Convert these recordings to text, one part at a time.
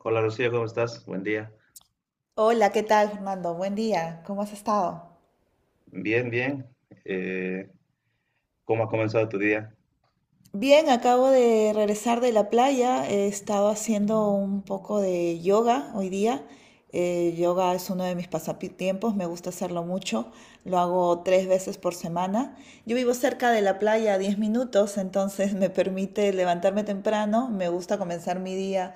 Hola Rocío, ¿cómo estás? Buen día. Hola, ¿qué tal, Fernando? Buen día, ¿cómo has estado? Bien, bien. Eh, ¿Cómo ha comenzado tu día? Bien, acabo de regresar de la playa, he estado haciendo un poco de yoga hoy día. Yoga es uno de mis pasatiempos, me gusta hacerlo mucho, lo hago tres veces por semana. Yo vivo cerca de la playa a 10 minutos, entonces me permite levantarme temprano. Me gusta comenzar mi día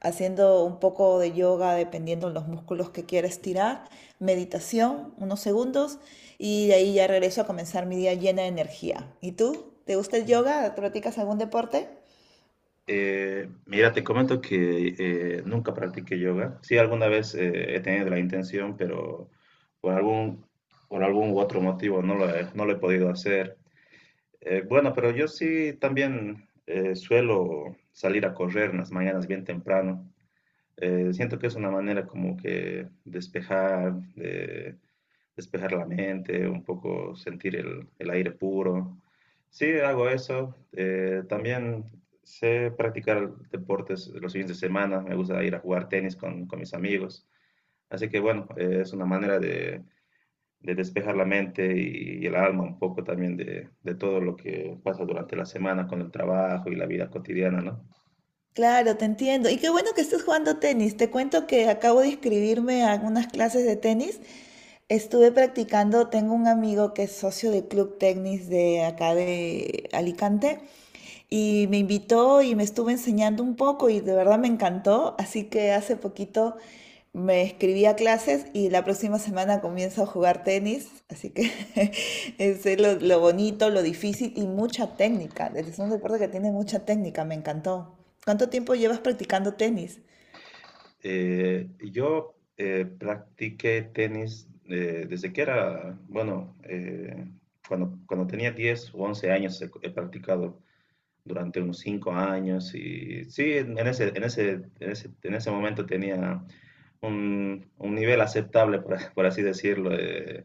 haciendo un poco de yoga dependiendo de los músculos que quiera estirar, meditación, unos segundos, y de ahí ya regreso a comenzar mi día llena de energía. ¿Y tú? ¿Te gusta el yoga? ¿Practicas algún deporte? Mira, te comento que nunca practiqué yoga. Sí, alguna vez he tenido la intención, pero por algún, por algún u otro motivo no lo he podido hacer. Bueno, pero yo sí también suelo salir a correr en las mañanas bien temprano. Siento que es una manera como que despejar la mente, un poco sentir el aire puro. Sí, hago eso. También sé practicar deportes los fines de semana. Me gusta ir a jugar tenis con mis amigos. Así que bueno, es una manera de despejar la mente y el alma un poco también de todo lo que pasa durante la semana con el trabajo y la vida cotidiana, ¿no? Claro, te entiendo. Y qué bueno que estés jugando tenis. Te cuento que acabo de inscribirme a algunas clases de tenis. Estuve practicando, tengo un amigo que es socio del club tenis de acá de Alicante y me invitó y me estuvo enseñando un poco y de verdad me encantó. Así que hace poquito me inscribí a clases y la próxima semana comienzo a jugar tenis, así que ese es lo bonito, lo difícil y mucha técnica. Es un deporte que tiene mucha técnica, me encantó. ¿Cuánto tiempo llevas practicando tenis? Yo practiqué tenis desde que era, bueno, cuando tenía 10 o 11 años he practicado durante unos 5 años y sí, en ese momento tenía un nivel aceptable, por así decirlo.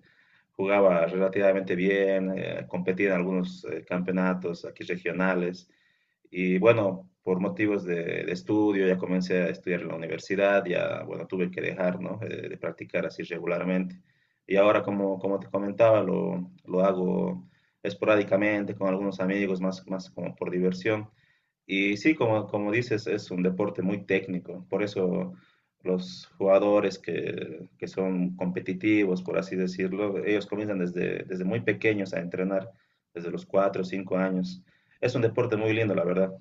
Jugaba relativamente bien, competía en algunos campeonatos aquí regionales. Y bueno, por motivos estudio, ya comencé a estudiar en la universidad, ya, bueno, tuve que dejar, ¿no? De practicar así regularmente. Y ahora, como te comentaba, lo hago esporádicamente con algunos amigos, más como por diversión. Y sí, como dices, es un deporte muy técnico, por eso los jugadores que son competitivos, por así decirlo, ellos comienzan desde muy pequeños a entrenar, desde los 4 o 5 años. Es un deporte muy lindo, la verdad.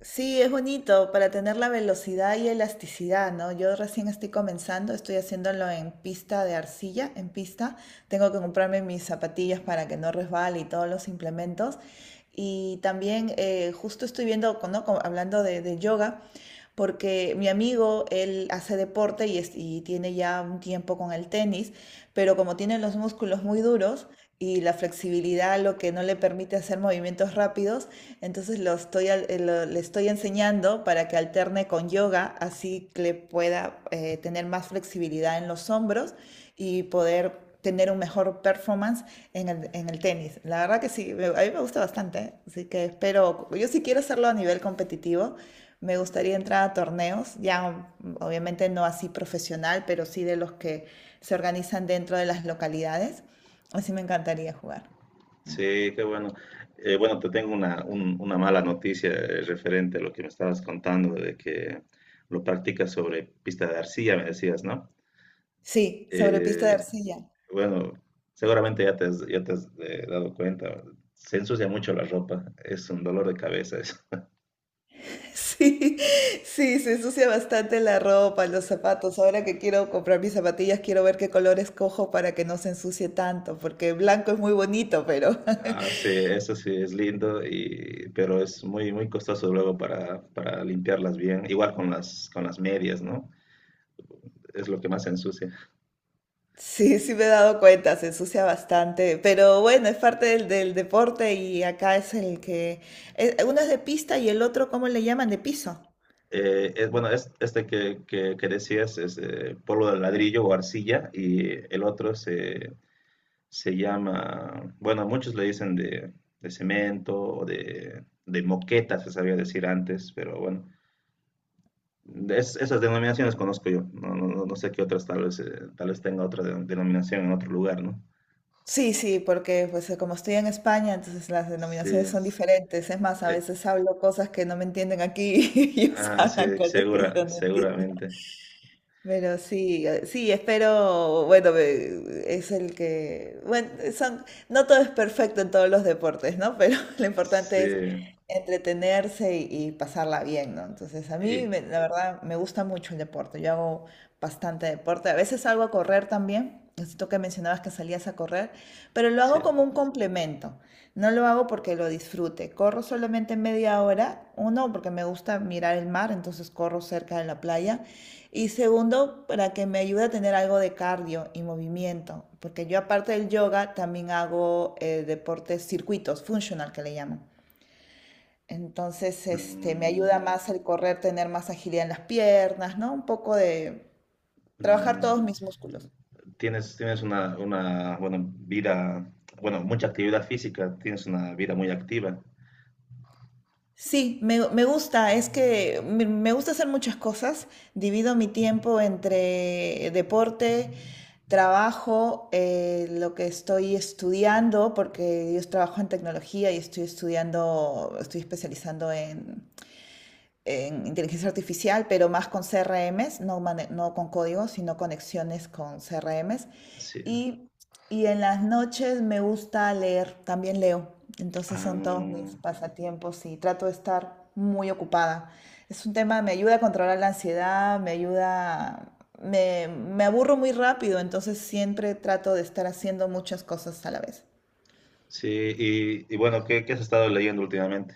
Sí, es bonito para tener la velocidad y elasticidad, ¿no? Yo recién estoy comenzando, estoy haciéndolo en pista de arcilla, en pista. Tengo que comprarme mis zapatillas para que no resbale y todos los implementos. Y también justo estoy viendo, ¿no? Como hablando de yoga, porque mi amigo, él hace deporte y, y tiene ya un tiempo con el tenis, pero como tiene los músculos muy duros y la flexibilidad lo que no le permite hacer movimientos rápidos, entonces lo le estoy enseñando para que alterne con yoga, así que le pueda tener más flexibilidad en los hombros y poder tener un mejor performance en en el tenis. La verdad que sí, a mí me gusta bastante, ¿eh? Así que espero, yo sí quiero hacerlo a nivel competitivo, me gustaría entrar a torneos, ya obviamente no así profesional, pero sí de los que se organizan dentro de las localidades, así me encantaría jugar. Sí, qué bueno. Bueno, te tengo una, una mala noticia referente a lo que me estabas contando, de que lo practicas sobre pista de arcilla, me decías, ¿no? Sí, sobre pista de Eh, arcilla. Bueno, seguramente ya te has dado cuenta. Se ensucia mucho la ropa. Es un dolor de cabeza eso. Sí, sí, se ensucia bastante la ropa, los zapatos. Es- Ahora que quiero comprar mis zapatillas, quiero ver qué color escojo para que no se ensucie tanto, porque blanco es muy bonito, pero ah, sí, eso sí es lindo, y, pero es muy, muy costoso luego para limpiarlas bien. Igual con con las medias, ¿no? Es lo que más se ensucia. sí, sí me he dado cuenta, se ensucia bastante. Pero bueno, es parte del deporte y acá es el que... Uno es de pista y el otro, ¿cómo le llaman? De piso. Bueno, es, este que decías es polvo de ladrillo o arcilla y el otro se llama, bueno, muchos le dicen de cemento o de moqueta, se sabía decir antes, pero bueno, esas denominaciones conozco yo. No sé qué otras, tal vez tenga otra denominación en otro lugar, ¿no? Sí, sí, porque pues como estoy en España, entonces las Sí, denominaciones son diferentes. Es más, a eh, veces hablo cosas que no me entienden aquí y ellos ah, hablan sí, cosas que yo no entiendo. seguramente. Pero sí, sí, espero, bueno, es el que, bueno, son, no todo es perfecto en todos los deportes, ¿no? Pero lo importante Sí, es entretenerse y pasarla bien, ¿no? Entonces, a mí, y- la verdad, me gusta mucho el deporte, yo hago bastante deporte, a veces salgo a correr también, necesito que mencionabas que salías a correr, pero lo sí. hago como un complemento, no lo hago porque lo disfrute, corro solamente media hora, uno, porque me gusta mirar el mar, entonces corro cerca de la playa. Y segundo, para que me ayude a tener algo de cardio y movimiento, porque yo aparte del yoga también hago deportes circuitos, functional que le llaman. Entonces, este, me Mm, ayuda más el correr, tener más agilidad en las piernas, ¿no? Un poco de trabajar mm, todos mis músculos. Tienes una, bueno, vida, bueno, mucha actividad física, tienes una vida muy activa. Sí, me gusta, es que me gusta hacer muchas cosas. Divido mi tiempo entre deporte, trabajo, lo que estoy estudiando, porque yo trabajo en tecnología y estoy estudiando, estoy especializando en inteligencia artificial, pero más con CRMs, no, no con código, sino conexiones con CRMs. Sí. Y, y en las noches me gusta leer, también leo. Entonces son todos Ah, mis pasatiempos y trato de estar muy ocupada. Es un tema, me ayuda a controlar la ansiedad, me ayuda, me aburro muy rápido, entonces siempre trato de estar haciendo muchas cosas a la vez. sí, y bueno, ¿qué has estado leyendo últimamente?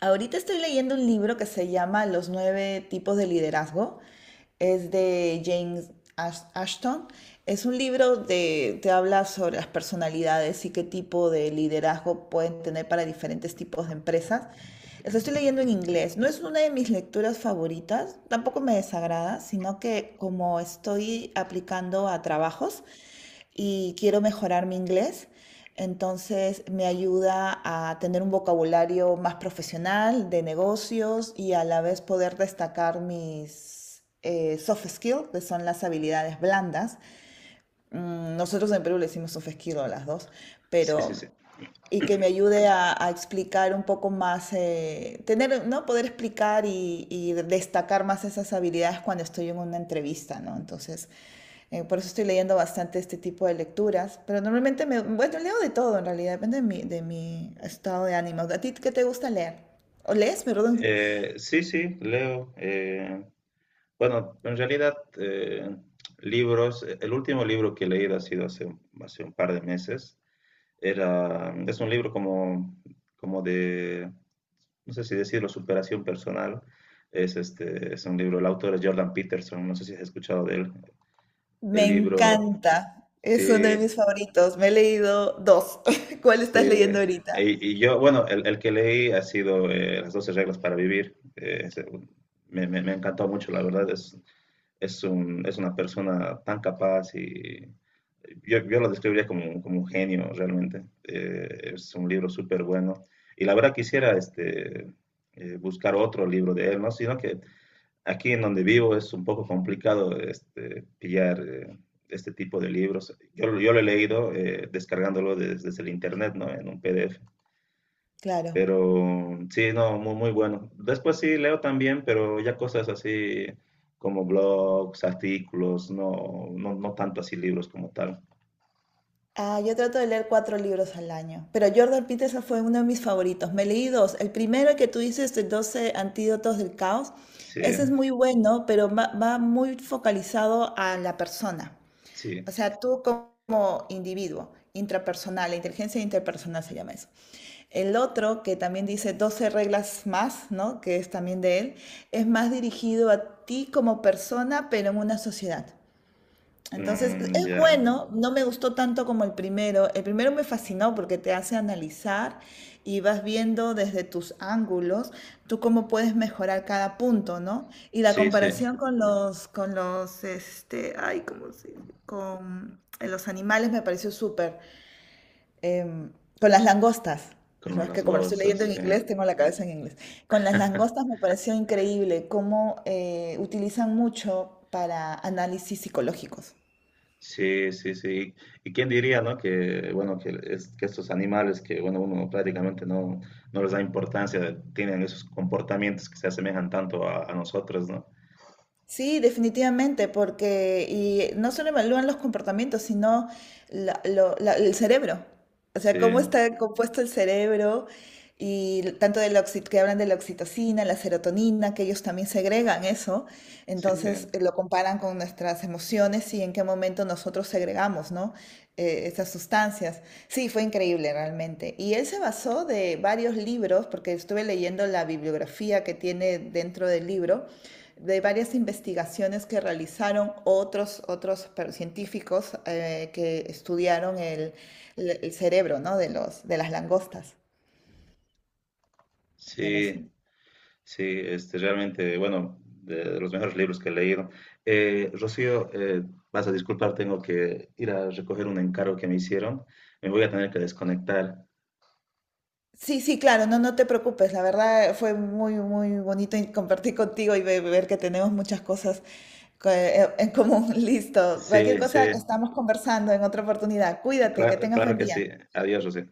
Ahorita estoy leyendo un libro que se llama Los nueve tipos de liderazgo. Es de James Ashton. Es un libro de, te habla sobre las personalidades y qué tipo de liderazgo pueden tener para diferentes tipos de empresas. Lo estoy leyendo en inglés. No es una de mis lecturas favoritas, tampoco me desagrada, sino que como estoy aplicando a trabajos, y quiero mejorar mi inglés. Entonces me ayuda a tener un vocabulario más profesional de negocios y a la vez poder destacar mis soft skills, que son las habilidades blandas. Mm, nosotros en Perú le decimos soft skills a las dos, Sí, sí, pero sí. y que me ayude a explicar un poco más, tener, ¿no? Poder explicar y destacar más esas habilidades cuando estoy en una entrevista, ¿no? Entonces, por eso estoy leyendo bastante este tipo de lecturas. Pero normalmente me, bueno, leo de todo en realidad, depende de de mi estado de ánimo. ¿A ti qué te gusta leer? ¿O lees? Perdón. Sí, leo. Bueno, en realidad, libros, el último libro que he leído ha sido hace, hace un par de meses. Es un libro como, como de, no sé si decirlo, superación personal. Es un libro, el autor es Jordan Peterson, no sé si has escuchado de él. El Me libro, encanta. Es uno de sí, mis favoritos. Me he leído dos. ¿Cuál Sí, estás leyendo ahorita? y, Y yo, bueno, el que leí ha sido Las 12 reglas para vivir. Me encantó mucho, la verdad. Es, es una persona tan capaz y yo lo describiría como, como un genio realmente. Es un libro súper bueno. Y la verdad quisiera este, buscar otro libro de él, ¿no? Sino que aquí en donde vivo es un poco complicado este, pillar este tipo de libros. Yo lo he leído descargándolo desde el internet, ¿no? En un PDF. Claro. Pero sí, no, muy, muy bueno. Después sí leo también, pero ya cosas así como blogs, artículos, no tanto así libros como tal. Ah, yo trato de leer cuatro libros al año, pero Jordan Peterson fue uno de mis favoritos. Me leí dos. El primero que tú dices, de Doce antídotos del caos, Sí, ese es muy bueno, pero va muy focalizado a la persona. O sí. sea, tú como individuo, intrapersonal, la inteligencia interpersonal se llama eso. El otro, que también dice 12 reglas más, ¿no? Que es también de él, es más dirigido a ti como persona, pero en una sociedad. Entonces, Mm, es ya. bueno, no me gustó tanto como el primero. El primero me fascinó porque te hace analizar y vas viendo desde tus ángulos tú cómo puedes mejorar cada punto, ¿no? Y la Sí, sí. comparación con este, ay, ¿cómo se dice? Con los animales me pareció súper. Em, con las langostas. ¿No? Con Es que las como lo estoy leyendo cosas. en Sí. inglés, tengo la cabeza en inglés. Con las langostas me pareció increíble cómo utilizan mucho para análisis psicológicos. Sí, sí, sí. ¿Y quién diría, no? Que, bueno, que, que estos animales que, bueno, uno prácticamente no les da importancia, tienen esos comportamientos que se asemejan tanto a nosotros, ¿no? Sí, definitivamente, porque y no solo evalúan los comportamientos, sino el cerebro. O sea, Sí, cómo está compuesto el cerebro y tanto de la que hablan de la oxitocina, la serotonina, que ellos también segregan eso. sí, Entonces lo comparan con nuestras emociones y en qué momento nosotros segregamos, ¿no? Esas sustancias. Sí, fue increíble realmente. Y él se basó de varios libros, porque estuve leyendo la bibliografía que tiene dentro del libro de varias investigaciones que realizaron otros, otros científicos que estudiaron el cerebro, ¿no? De de las langostas. Pero sí, sí. sí, este, realmente, bueno, de los mejores libros que he leído. Rocío, vas a disculpar, tengo que ir a recoger un encargo que me hicieron. Me voy a tener que desconectar. Sí, sí, claro, no, no te preocupes. La verdad fue muy, muy bonito y compartir contigo y ver que tenemos muchas cosas en común. Listo. Cualquier Sí, cosa que sí, estamos conversando en otra oportunidad. Cuídate, que claro, tengas claro buen que sí. día. Adiós, Rocío.